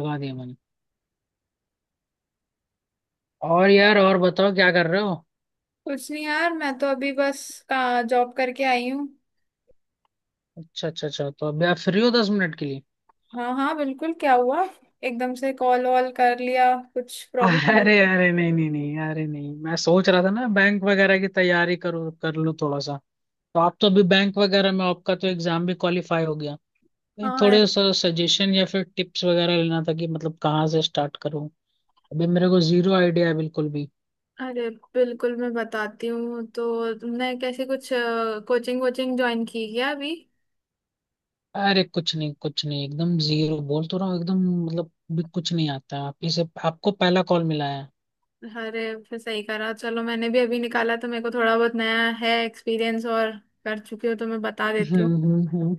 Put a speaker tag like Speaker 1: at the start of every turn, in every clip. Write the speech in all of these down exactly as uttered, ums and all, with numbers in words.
Speaker 1: लगा दिया मैंने। और यार, और बताओ क्या कर रहे हो?
Speaker 2: कुछ नहीं यार, मैं तो अभी बस का जॉब करके आई हूँ।
Speaker 1: अच्छा अच्छा अच्छा, तो अभी आप फ्री हो दस मिनट के लिए?
Speaker 2: हाँ हाँ बिल्कुल, क्या हुआ? एकदम से कॉल वॉल कर लिया, कुछ प्रॉब्लम हो?
Speaker 1: अरे अरे नहीं नहीं नहीं, अरे नहीं, मैं सोच रहा था ना, बैंक वगैरह की तैयारी करूँ, कर लूँ थोड़ा सा। तो आप तो अभी बैंक वगैरह में, आपका तो एग्जाम भी क्वालिफाई हो गया? नहीं,
Speaker 2: हाँ यार,
Speaker 1: थोड़े सा सजेशन या फिर टिप्स वगैरह लेना था कि मतलब कहाँ से स्टार्ट करूँ। अभी मेरे को जीरो आइडिया है बिल्कुल भी।
Speaker 2: अरे बिल्कुल, मैं बताती हूँ। तो तुमने कैसे कुछ कोचिंग वोचिंग ज्वाइन की क्या अभी?
Speaker 1: अरे कुछ नहीं कुछ नहीं, एकदम जीरो बोल तो रहा हूँ एकदम। मतलब भी कुछ नहीं आता, आप ही से, आपको पहला कॉल मिला है।
Speaker 2: अरे फिर सही करा, चलो, मैंने भी अभी निकाला तो मेरे को थोड़ा बहुत नया है एक्सपीरियंस, और कर चुकी हूँ तो मैं बता देती हूँ।
Speaker 1: हम्म हम्म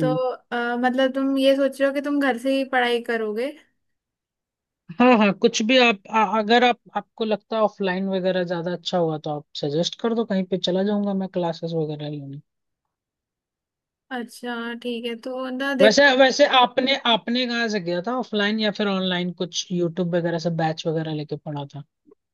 Speaker 2: तो अ, मतलब तुम ये सोच रहे हो कि तुम घर से ही पढ़ाई करोगे?
Speaker 1: हाँ हाँ, कुछ भी, आप आ, अगर आप, आपको लगता है ऑफलाइन वगैरह ज्यादा अच्छा हुआ तो आप सजेस्ट कर दो, कहीं पे चला जाऊंगा मैं क्लासेस वगैरह लेने।
Speaker 2: अच्छा ठीक है, तो ना
Speaker 1: वैसे
Speaker 2: देखो
Speaker 1: वैसे आपने आपने कहाँ से किया था, ऑफलाइन या फिर ऑनलाइन, कुछ यूट्यूब वगैरह से बैच वगैरह लेके पढ़ा था?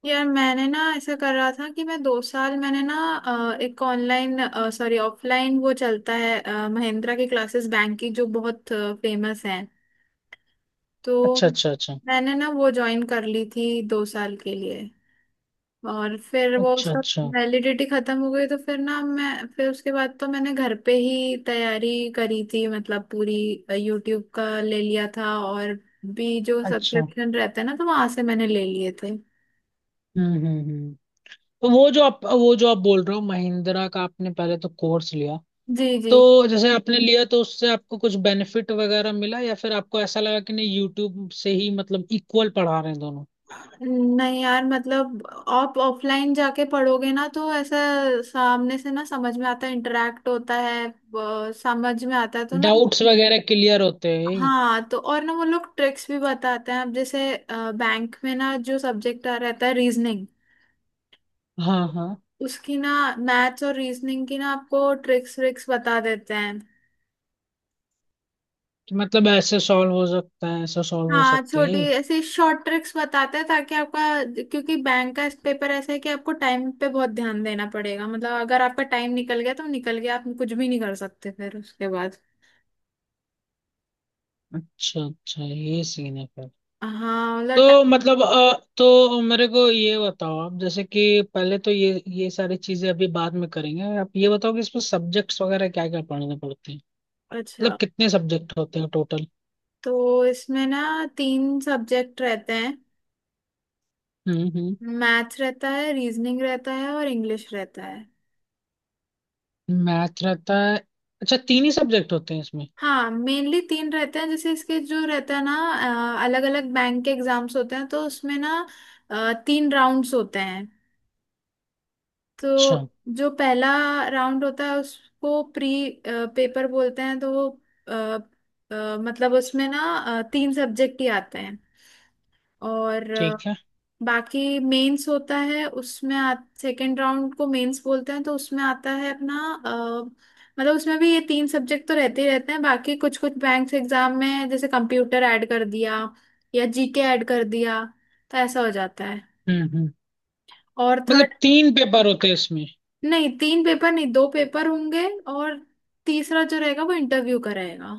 Speaker 2: यार, मैंने ना ऐसा कर रहा था कि मैं दो साल, मैंने ना अ, एक ऑनलाइन, सॉरी ऑफलाइन वो चलता है, अ, महिंद्रा की क्लासेस, बैंक की, जो बहुत फेमस हैं। तो
Speaker 1: अच्छा अच्छा अच्छा।
Speaker 2: मैंने ना वो ज्वाइन कर ली थी दो साल के लिए, और फिर वो
Speaker 1: अच्छा
Speaker 2: उसका
Speaker 1: अच्छा
Speaker 2: वैलिडिटी खत्म हो गई, तो फिर ना मैं, फिर उसके बाद तो मैंने घर पे ही तैयारी करी थी, मतलब पूरी। यूट्यूब का ले लिया था और भी जो
Speaker 1: अच्छा।
Speaker 2: सब्सक्रिप्शन रहते हैं ना, तो वहां से मैंने ले लिए थे।
Speaker 1: हम्म हम्म हम्म। तो वो जो आप वो जो आप बोल रहे हो, महिंद्रा का आपने पहले तो कोर्स लिया,
Speaker 2: जी जी।
Speaker 1: तो जैसे आपने लिया तो उससे आपको कुछ बेनिफिट वगैरह मिला या फिर आपको ऐसा लगा कि नहीं, यूट्यूब से ही मतलब इक्वल पढ़ा रहे हैं दोनों?
Speaker 2: नहीं यार, मतलब आप ऑफलाइन जाके पढ़ोगे ना, तो ऐसा सामने से ना समझ में आता है, इंटरेक्ट होता है, अ, समझ में आता है तो ना।
Speaker 1: डाउट्स वगैरह क्लियर होते हैं।
Speaker 2: हाँ, तो और ना वो लोग ट्रिक्स भी बताते हैं। अब जैसे बैंक में ना जो सब्जेक्ट आ रहता है, रीजनिंग,
Speaker 1: हाँ हाँ।
Speaker 2: उसकी ना मैथ्स और रीजनिंग की ना आपको ट्रिक्स व्रिक्स बता देते हैं।
Speaker 1: कि मतलब ऐसे सॉल्व हो सकता है, ऐसा सॉल्व हो
Speaker 2: हाँ,
Speaker 1: सकता
Speaker 2: छोटी
Speaker 1: है।
Speaker 2: ऐसी शॉर्ट ट्रिक्स बताते हैं ताकि आपका, क्योंकि बैंक का पेपर ऐसा है कि आपको टाइम पे बहुत ध्यान देना पड़ेगा, मतलब अगर आपका टाइम निकल गया तो निकल गया, आप कुछ भी नहीं कर सकते फिर उसके बाद।
Speaker 1: अच्छा अच्छा, ये सीन है फिर।
Speaker 2: हाँ मतलब टा-
Speaker 1: तो मतलब अ, तो मेरे को ये बताओ आप, जैसे कि पहले तो ये ये सारी चीजें अभी बाद में करेंगे, आप ये बताओ कि इसमें सब्जेक्ट्स वगैरह क्या क्या पढ़ने पड़ते हैं? मतलब
Speaker 2: अच्छा,
Speaker 1: कितने सब्जेक्ट होते हैं टोटल?
Speaker 2: तो इसमें ना तीन सब्जेक्ट रहते हैं।
Speaker 1: हम्म हम्म।
Speaker 2: मैथ्स रहता है, रीजनिंग रहता है, और इंग्लिश रहता है।
Speaker 1: मैथ रहता है? अच्छा, तीन ही सब्जेक्ट होते हैं इसमें?
Speaker 2: हाँ मेनली तीन रहते हैं। जैसे इसके जो रहता है ना, अलग अलग बैंक के एग्जाम्स होते हैं, तो उसमें ना अ, तीन राउंड्स होते हैं।
Speaker 1: अच्छा,
Speaker 2: तो जो पहला राउंड होता है उसको प्री पेपर बोलते हैं, तो वो अ, अ, मतलब उसमें ना अ, तीन सब्जेक्ट ही आते हैं, और अ,
Speaker 1: ठीक है।
Speaker 2: बाकी मेंस होता है उसमें। आ, सेकेंड राउंड को मेंस बोलते हैं, तो उसमें आता है अपना, अ, मतलब उसमें भी ये तीन सब्जेक्ट तो रहते ही रहते हैं, बाकी कुछ कुछ बैंक्स एग्जाम में जैसे कंप्यूटर ऐड कर दिया या जीके ऐड कर दिया, तो ऐसा हो जाता है।
Speaker 1: हम्म हम्म।
Speaker 2: और थर्ड,
Speaker 1: मतलब तीन पेपर होते हैं इसमें?
Speaker 2: नहीं तीन पेपर नहीं, दो पेपर होंगे। और तीसरा जो रहेगा वो इंटरव्यू का रहेगा।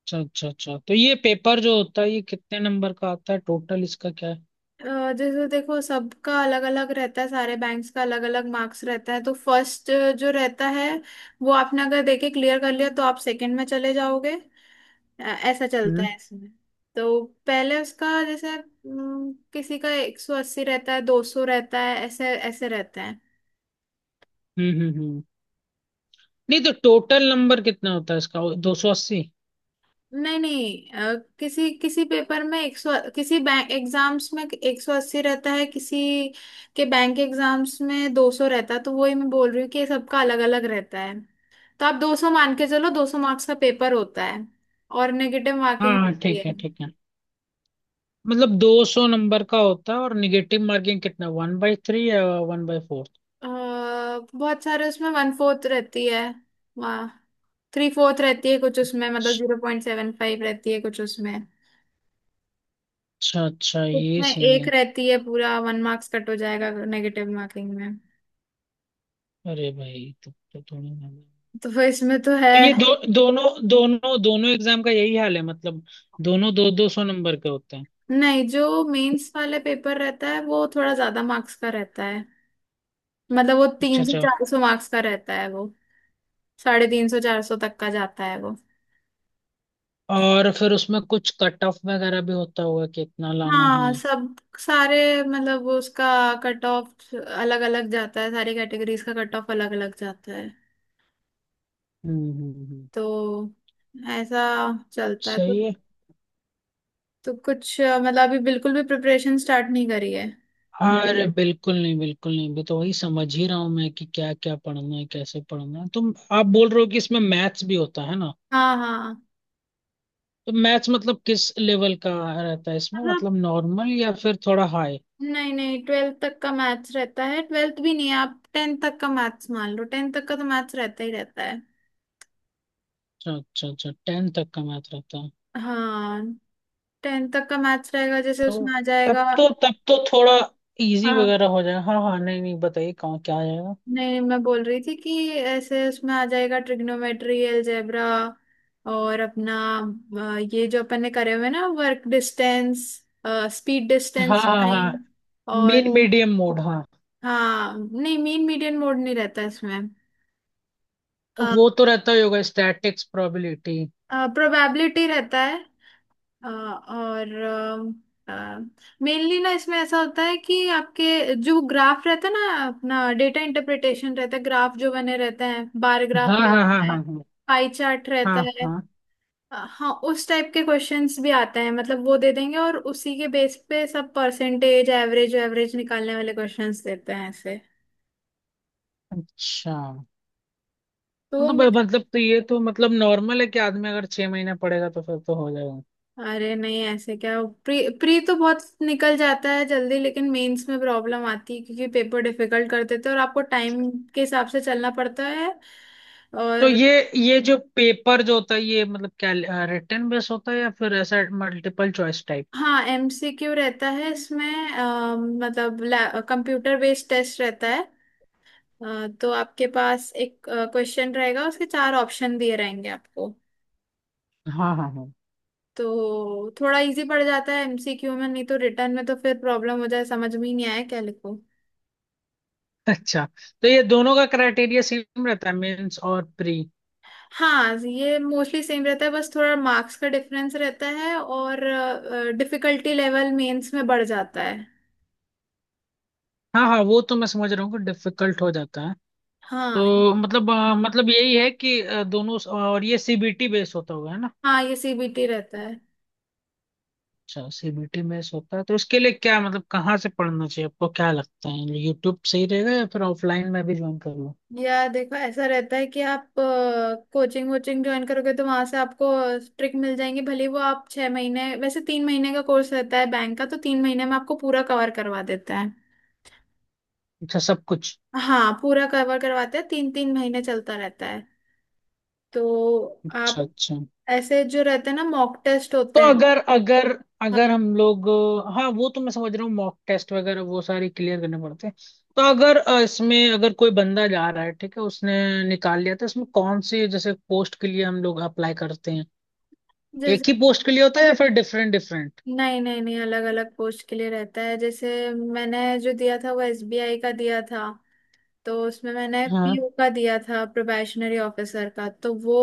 Speaker 1: अच्छा अच्छा अच्छा, तो ये पेपर जो होता है ये कितने नंबर का आता है टोटल, इसका क्या है?
Speaker 2: अ, जैसे देखो सबका अलग अलग रहता है, सारे बैंक्स का अलग अलग मार्क्स रहता है। तो फर्स्ट जो रहता है वो आपने अगर देखे क्लियर कर लिया तो आप सेकंड में चले जाओगे। अ, ऐसा चलता
Speaker 1: हम्म
Speaker 2: है इसमें। तो पहले उसका जैसे हम्म, किसी का एक सौ अस्सी रहता है, दो सौ रहता है, ऐसे ऐसे रहता है।
Speaker 1: हम्म हम्म। हम्म। नहीं, तो टोटल नंबर कितना होता है इसका, दो सौ अस्सी?
Speaker 2: नहीं नहीं, अ, किसी किसी पेपर में एक सौ, किसी बैंक एग्जाम्स में एक सौ अस्सी रहता है, किसी के बैंक एग्जाम्स में दो सौ रहता है। तो वही मैं बोल रही हूँ कि सबका अलग अलग रहता है। तो आप दो सौ मान के चलो, दो सौ मार्क्स का पेपर होता है, और नेगेटिव
Speaker 1: हाँ
Speaker 2: मार्किंग
Speaker 1: हाँ,
Speaker 2: रहती है।
Speaker 1: ठीक है ठीक है। मतलब दो सौ नंबर का होता है, और निगेटिव मार्किंग कितना, वन बाई थ्री या वन बाई फोर?
Speaker 2: अ, बहुत सारे उसमें वन फोर्थ रहती है, वहाँ थ्री फोर्थ रहती है कुछ उसमें, मतलब जीरो पॉइंट सेवन फाइव रहती है कुछ उसमें,
Speaker 1: अच्छा अच्छा,
Speaker 2: कुछ
Speaker 1: ये
Speaker 2: में
Speaker 1: सीन
Speaker 2: एक
Speaker 1: है।
Speaker 2: रहती है, पूरा वन मार्क्स कट हो जाएगा नेगेटिव मार्किंग में।
Speaker 1: अरे भाई तो, तो थोड़ी ना-,
Speaker 2: तो फिर इसमें तो है
Speaker 1: तो ये दो दोनों, दोनों दोनों एग्जाम का यही हाल है मतलब, दोनों दो दो सौ नंबर के होते हैं?
Speaker 2: नहीं। जो मेंस वाले पेपर रहता है वो थोड़ा ज्यादा मार्क्स का रहता है, मतलब वो
Speaker 1: अच्छा
Speaker 2: तीन सौ
Speaker 1: अच्छा।
Speaker 2: चार सौ मार्क्स का रहता है, वो साढ़े तीन सौ चार सौ तक का जाता है वो।
Speaker 1: और फिर उसमें कुछ कट ऑफ वगैरह भी होता होगा कि इतना लाना
Speaker 2: हाँ
Speaker 1: है?
Speaker 2: सब सारे, मतलब वो उसका कट ऑफ अलग अलग जाता है, सारी कैटेगरीज का कट ऑफ अलग अलग जाता है।
Speaker 1: हम्म हम्म हम्म।
Speaker 2: तो ऐसा चलता है तो,
Speaker 1: सही है।
Speaker 2: तो कुछ अ, मतलब अभी बिल्कुल भी प्रिपरेशन स्टार्ट नहीं करी है।
Speaker 1: हाँ, अरे बिल्कुल नहीं बिल्कुल नहीं, अभी तो वही समझ ही रहा हूँ मैं कि क्या क्या पढ़ना है, कैसे पढ़ना है। तुम, आप बोल रहे हो कि इसमें मैथ्स भी होता है ना?
Speaker 2: हाँ हाँ।
Speaker 1: तो मैथ्स मतलब किस लेवल का रहता है इसमें,
Speaker 2: मतलब
Speaker 1: मतलब नॉर्मल या फिर थोड़ा हाई?
Speaker 2: नहीं नहीं, ट्वेल्थ तक का मैथ्स रहता है, ट्वेल्थ भी नहीं, आप टेंथ तक का मैथ्स मान लो, टेंथ तक का तो मैथ्स रहता ही रहता है।
Speaker 1: अच्छा अच्छा अच्छा, टेन तक का मैथ रहता है।
Speaker 2: हाँ, टेंथ तक का मैथ्स रहेगा जैसे
Speaker 1: तो
Speaker 2: उसमें आ जाएगा।
Speaker 1: तब तो तब तो थोड़ा इजी
Speaker 2: हाँ
Speaker 1: वगैरह हो जाए, हाँ हाँ, नहीं नहीं, बताइए कहाँ क्या आएगा।
Speaker 2: नहीं, मैं बोल रही थी कि ऐसे उसमें आ जाएगा, ट्रिग्नोमेट्री, अलजेब्रा, और अपना अ, ये जो अपन ने करे हुए ना, वर्क डिस्टेंस, स्पीड
Speaker 1: हाँ
Speaker 2: डिस्टेंस
Speaker 1: हाँ हाँ।
Speaker 2: फाइंड, और
Speaker 1: मीन मीडियम मोड, हाँ।
Speaker 2: हाँ, नहीं मीन मीडियन मोड नहीं रहता इसमें।
Speaker 1: वो तो रहता ही होगा, स्टैटिक्स प्रोबेबिलिटी।
Speaker 2: प्रोबेबिलिटी रहता है। अ, और मेनली ना इसमें ऐसा होता है कि आपके जो ग्राफ रहता है ना, अपना डेटा इंटरप्रिटेशन रहता है। ग्राफ जो बने रहते हैं, बार ग्राफ
Speaker 1: हाँ हाँ हाँ
Speaker 2: रहता
Speaker 1: हाँ
Speaker 2: है,
Speaker 1: हाँ।
Speaker 2: पाई चार्ट रहता
Speaker 1: हाँ
Speaker 2: है।
Speaker 1: हाँ।
Speaker 2: अ, हाँ उस टाइप के क्वेश्चंस भी आते हैं, मतलब वो दे देंगे और उसी के बेस पे सब परसेंटेज, एवरेज, एवरेज निकालने वाले क्वेश्चंस देते हैं ऐसे।
Speaker 1: अच्छा।
Speaker 2: तो वो,
Speaker 1: तो ब-, मतलब तो ये तो मतलब नॉर्मल है, कि आदमी अगर छह महीना पढ़ेगा तो फिर तो हो जाएगा।
Speaker 2: अरे नहीं ऐसे क्या, प्री प्री तो बहुत निकल जाता है जल्दी, लेकिन मेंस में प्रॉब्लम आती है, क्योंकि पेपर डिफिकल्ट कर देते हैं, तो और आपको टाइम के हिसाब से चलना पड़ता है,
Speaker 1: तो
Speaker 2: और
Speaker 1: ये ये जो पेपर जो होता है ये मतलब क्या, रिटर्न बेस होता है या फिर ऐसा मल्टीपल चॉइस टाइप?
Speaker 2: हाँ एमसीक्यू रहता है इसमें। अ, मतलब कंप्यूटर बेस्ड टेस्ट रहता है। अ, तो आपके पास एक क्वेश्चन रहेगा, उसके चार ऑप्शन दिए रहेंगे आपको।
Speaker 1: हाँ हाँ हाँ।
Speaker 2: तो थोड़ा इजी पड़ जाता है एमसीक्यू में, नहीं तो रिटर्न में तो फिर प्रॉब्लम हो जाए, समझ में ही नहीं आया क्या लिखो।
Speaker 1: अच्छा, तो ये दोनों का क्राइटेरिया सेम रहता है मेंस और प्री?
Speaker 2: हाँ, ये मोस्टली सेम रहता है, बस थोड़ा मार्क्स का डिफरेंस रहता है, और डिफिकल्टी लेवल मेंस में बढ़ जाता है।
Speaker 1: हाँ हाँ, वो तो मैं समझ रहा हूँ कि डिफिकल्ट हो जाता है।
Speaker 2: हाँ
Speaker 1: तो मतलब अ, मतलब यही है कि अ, दोनों, और ये सी बी टी बेस होता होगा है ना?
Speaker 2: हाँ, ये सीबीटी रहता है।
Speaker 1: अच्छा, सी बी टी में होता है, तो उसके लिए क्या, मतलब कहाँ से पढ़ना चाहिए, आपको क्या लगता है यूट्यूब सही रहेगा या फिर ऑफलाइन में भी ज्वाइन कर लूँ?
Speaker 2: या देखो ऐसा रहता है कि आप कोचिंग वोचिंग ज्वाइन करोगे तो वहां से आपको ट्रिक मिल जाएंगी, भले वो आप छह महीने, वैसे तीन महीने का कोर्स रहता है बैंक का, तो तीन महीने में आपको पूरा कवर करवा देता है।
Speaker 1: अच्छा, सब कुछ?
Speaker 2: हाँ पूरा कवर करवाते हैं, तीन तीन महीने चलता रहता है। तो
Speaker 1: अच्छा
Speaker 2: आप
Speaker 1: अच्छा।
Speaker 2: ऐसे जो रहते हैं ना, मॉक टेस्ट
Speaker 1: तो
Speaker 2: होते हैं।
Speaker 1: अगर अगर
Speaker 2: हाँ,
Speaker 1: अगर हम लोग, हाँ, वो तो मैं समझ रहा हूँ, मॉक टेस्ट वगैरह वो सारी क्लियर करने पड़ते हैं। तो अगर अ, इसमें अगर कोई बंदा जा रहा है, ठीक है, उसने निकाल लिया, तो इसमें कौन सी जैसे पोस्ट के लिए हम लोग अप्लाई करते हैं,
Speaker 2: जिस
Speaker 1: एक ही पोस्ट के लिए होता है या फिर डिफरेंट डिफरेंट?
Speaker 2: नहीं नहीं नहीं, अलग अलग पोस्ट के लिए रहता है। जैसे मैंने जो दिया था वो एसबीआई का दिया था, तो उसमें मैंने
Speaker 1: हाँ।
Speaker 2: पीओ का दिया था, प्रोबेशनरी ऑफिसर का, तो वो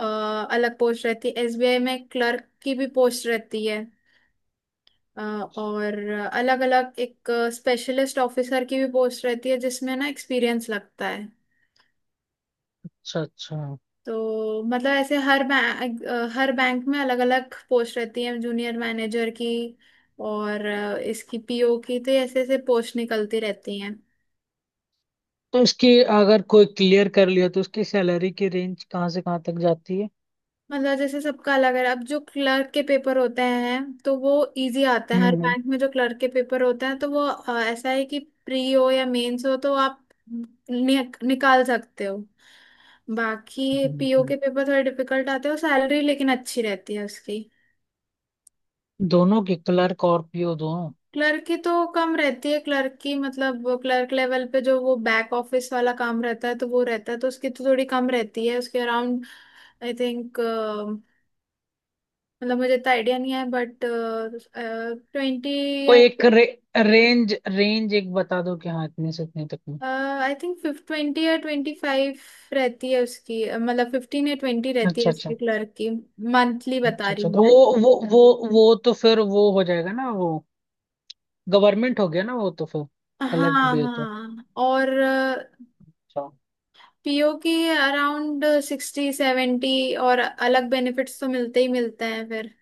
Speaker 2: अ, अलग पोस्ट रहती है। एसबीआई में क्लर्क की भी पोस्ट रहती है, अ, और अलग अलग, एक स्पेशलिस्ट ऑफिसर की भी पोस्ट रहती है जिसमें ना एक्सपीरियंस लगता है।
Speaker 1: अच्छा अच्छा।
Speaker 2: तो मतलब ऐसे हर बैंक, हर बैंक में अलग अलग पोस्ट रहती है, जूनियर मैनेजर की और अ, इसकी पीओ की, तो ऐसे ऐसे पोस्ट निकलती रहती हैं।
Speaker 1: तो इसकी, अगर कोई क्लियर कर लिया तो उसकी सैलरी की रेंज कहाँ से कहाँ तक जाती है?
Speaker 2: मतलब जैसे सबका अलग है, अब जो क्लर्क के पेपर होते हैं तो वो इजी आता है,
Speaker 1: हम्म
Speaker 2: हर
Speaker 1: हम्म,
Speaker 2: बैंक में जो क्लर्क के पेपर होते हैं तो वो अ, ऐसा है कि प्री हो या मेंस हो तो आप नि, निकाल सकते हो। बाकी
Speaker 1: हम्म,
Speaker 2: पीओ
Speaker 1: हम्म।
Speaker 2: के पेपर थोड़े डिफिकल्ट आते हैं, और सैलरी लेकिन अच्छी रहती है उसकी।
Speaker 1: दोनों की, क्लर्क और पी ओ दोनों?
Speaker 2: क्लर्क की तो कम रहती है, क्लर्क की मतलब क्लर्क लेवल पे जो वो बैक ऑफिस वाला काम रहता है तो वो रहता है, तो उसकी तो थोड़ी कम रहती है उसके अराउंड। आई थिंक मतलब मुझे इतना आइडिया नहीं है, बट ट्वेंटी या,
Speaker 1: कोई एक रे-, रेंज रेंज एक बता दो कि हाँ इतने से इतने तक में।
Speaker 2: आई थिंक फिफ्ट ट्वेंटी या ट्वेंटी फाइव रहती है उसकी, अ, मतलब फिफ्टीन या ट्वेंटी रहती है
Speaker 1: अच्छा
Speaker 2: उसकी
Speaker 1: अच्छा
Speaker 2: क्लर्क की, मंथली बता
Speaker 1: अच्छा
Speaker 2: रही
Speaker 1: अच्छा।
Speaker 2: हूँ
Speaker 1: तो
Speaker 2: मैं।
Speaker 1: वो वो वो वो तो फिर वो हो जाएगा ना, वो गवर्नमेंट हो गया ना वो, तो फिर कलेक्ट
Speaker 2: हाँ
Speaker 1: भी है तो।
Speaker 2: हाँ, और
Speaker 1: हम्म।
Speaker 2: पीओ की अराउंड सिक्सटी सेवेंटी, और अलग बेनिफिट्स तो मिलते ही मिलते हैं फिर।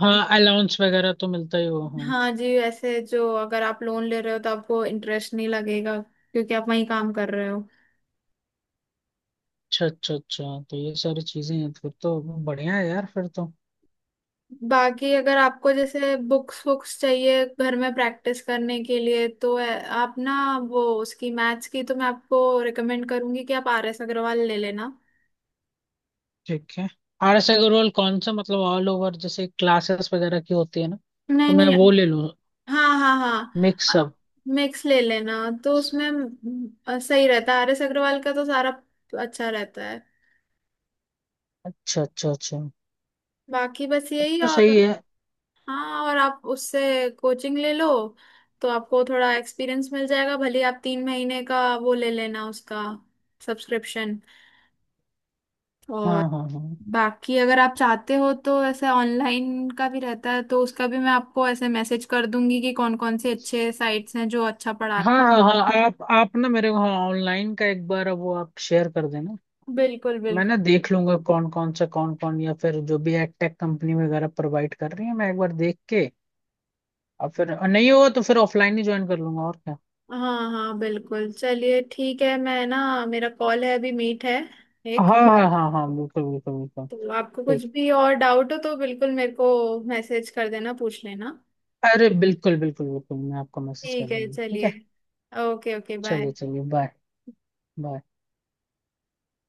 Speaker 1: हाँ, अलाउंस वगैरह तो मिलता ही वो, हाँ।
Speaker 2: हाँ जी, ऐसे जो अगर आप लोन ले रहे हो तो आपको इंटरेस्ट नहीं लगेगा, क्योंकि आप वहीं काम कर रहे हो।
Speaker 1: अच्छा अच्छा अच्छा, तो ये सारी चीजें हैं फिर तो, बढ़िया है यार फिर तो।
Speaker 2: बाकी अगर आपको जैसे बुक्स बुक्स चाहिए घर में प्रैक्टिस करने के लिए तो अ, आप ना वो, उसकी मैथ्स की तो मैं आपको रिकमेंड करूंगी कि आप आर एस अग्रवाल ले लेना।
Speaker 1: ठीक है। आर एस ए का रोल कौन सा मतलब ऑल ओवर जैसे क्लासेस वगैरह की होती है ना, तो
Speaker 2: नहीं
Speaker 1: मैं
Speaker 2: नहीं।
Speaker 1: वो ले लूँ?
Speaker 2: हाँ हाँ हाँ,
Speaker 1: मिक्सअप।
Speaker 2: मिक्स ले लेना। तो उसमें म, अ, सही रहता है, आरएस अग्रवाल का तो सारा अच्छा रहता है।
Speaker 1: अच्छा अच्छा अच्छा,
Speaker 2: बाकी बस
Speaker 1: तब
Speaker 2: यही,
Speaker 1: तो
Speaker 2: और
Speaker 1: सही है।
Speaker 2: हाँ, और आप उससे कोचिंग ले लो तो आपको थोड़ा एक्सपीरियंस मिल जाएगा, भले ही आप तीन महीने का वो ले लेना उसका सब्सक्रिप्शन। और
Speaker 1: हाँ हाँ हाँ
Speaker 2: बाकी अगर आप चाहते हो तो ऐसे ऑनलाइन का भी रहता है, तो उसका भी मैं आपको ऐसे मैसेज कर दूंगी कि कौन कौन से अच्छे साइट्स हैं जो अच्छा पढ़ाते
Speaker 1: हाँ हाँ हाँ, आप आप ना मेरे को, हाँ, ऑनलाइन का एक बार वो आप शेयर कर देना।
Speaker 2: हैं, बिल्कुल
Speaker 1: मैं
Speaker 2: बिल्कुल।
Speaker 1: ना देख लूंगा कौन कौन सा, कौन कौन, या फिर जो भी एडटेक कंपनी वगैरह प्रोवाइड कर रही है मैं एक बार देख के। और फिर और नहीं हुआ तो फिर ऑफलाइन ही ज्वाइन कर लूंगा, और क्या।
Speaker 2: हाँ हाँ बिल्कुल चलिए, ठीक है, मैं ना, मेरा कॉल है अभी, मीट है एक।
Speaker 1: हाँ हाँ हाँ हाँ, बिल्कुल बिल्कुल बिल्कुल।
Speaker 2: तो आपको
Speaker 1: ठीक।
Speaker 2: कुछ भी और डाउट हो तो बिल्कुल मेरे को मैसेज कर देना, पूछ लेना।
Speaker 1: अरे बिल्कुल बिल्कुल बिल्कुल, मैं आपको मैसेज कर
Speaker 2: ठीक है,
Speaker 1: दूंगा, ठीक
Speaker 2: चलिए,
Speaker 1: है?
Speaker 2: Okay okay, bye.
Speaker 1: चलिए चलिए बाय। बाय।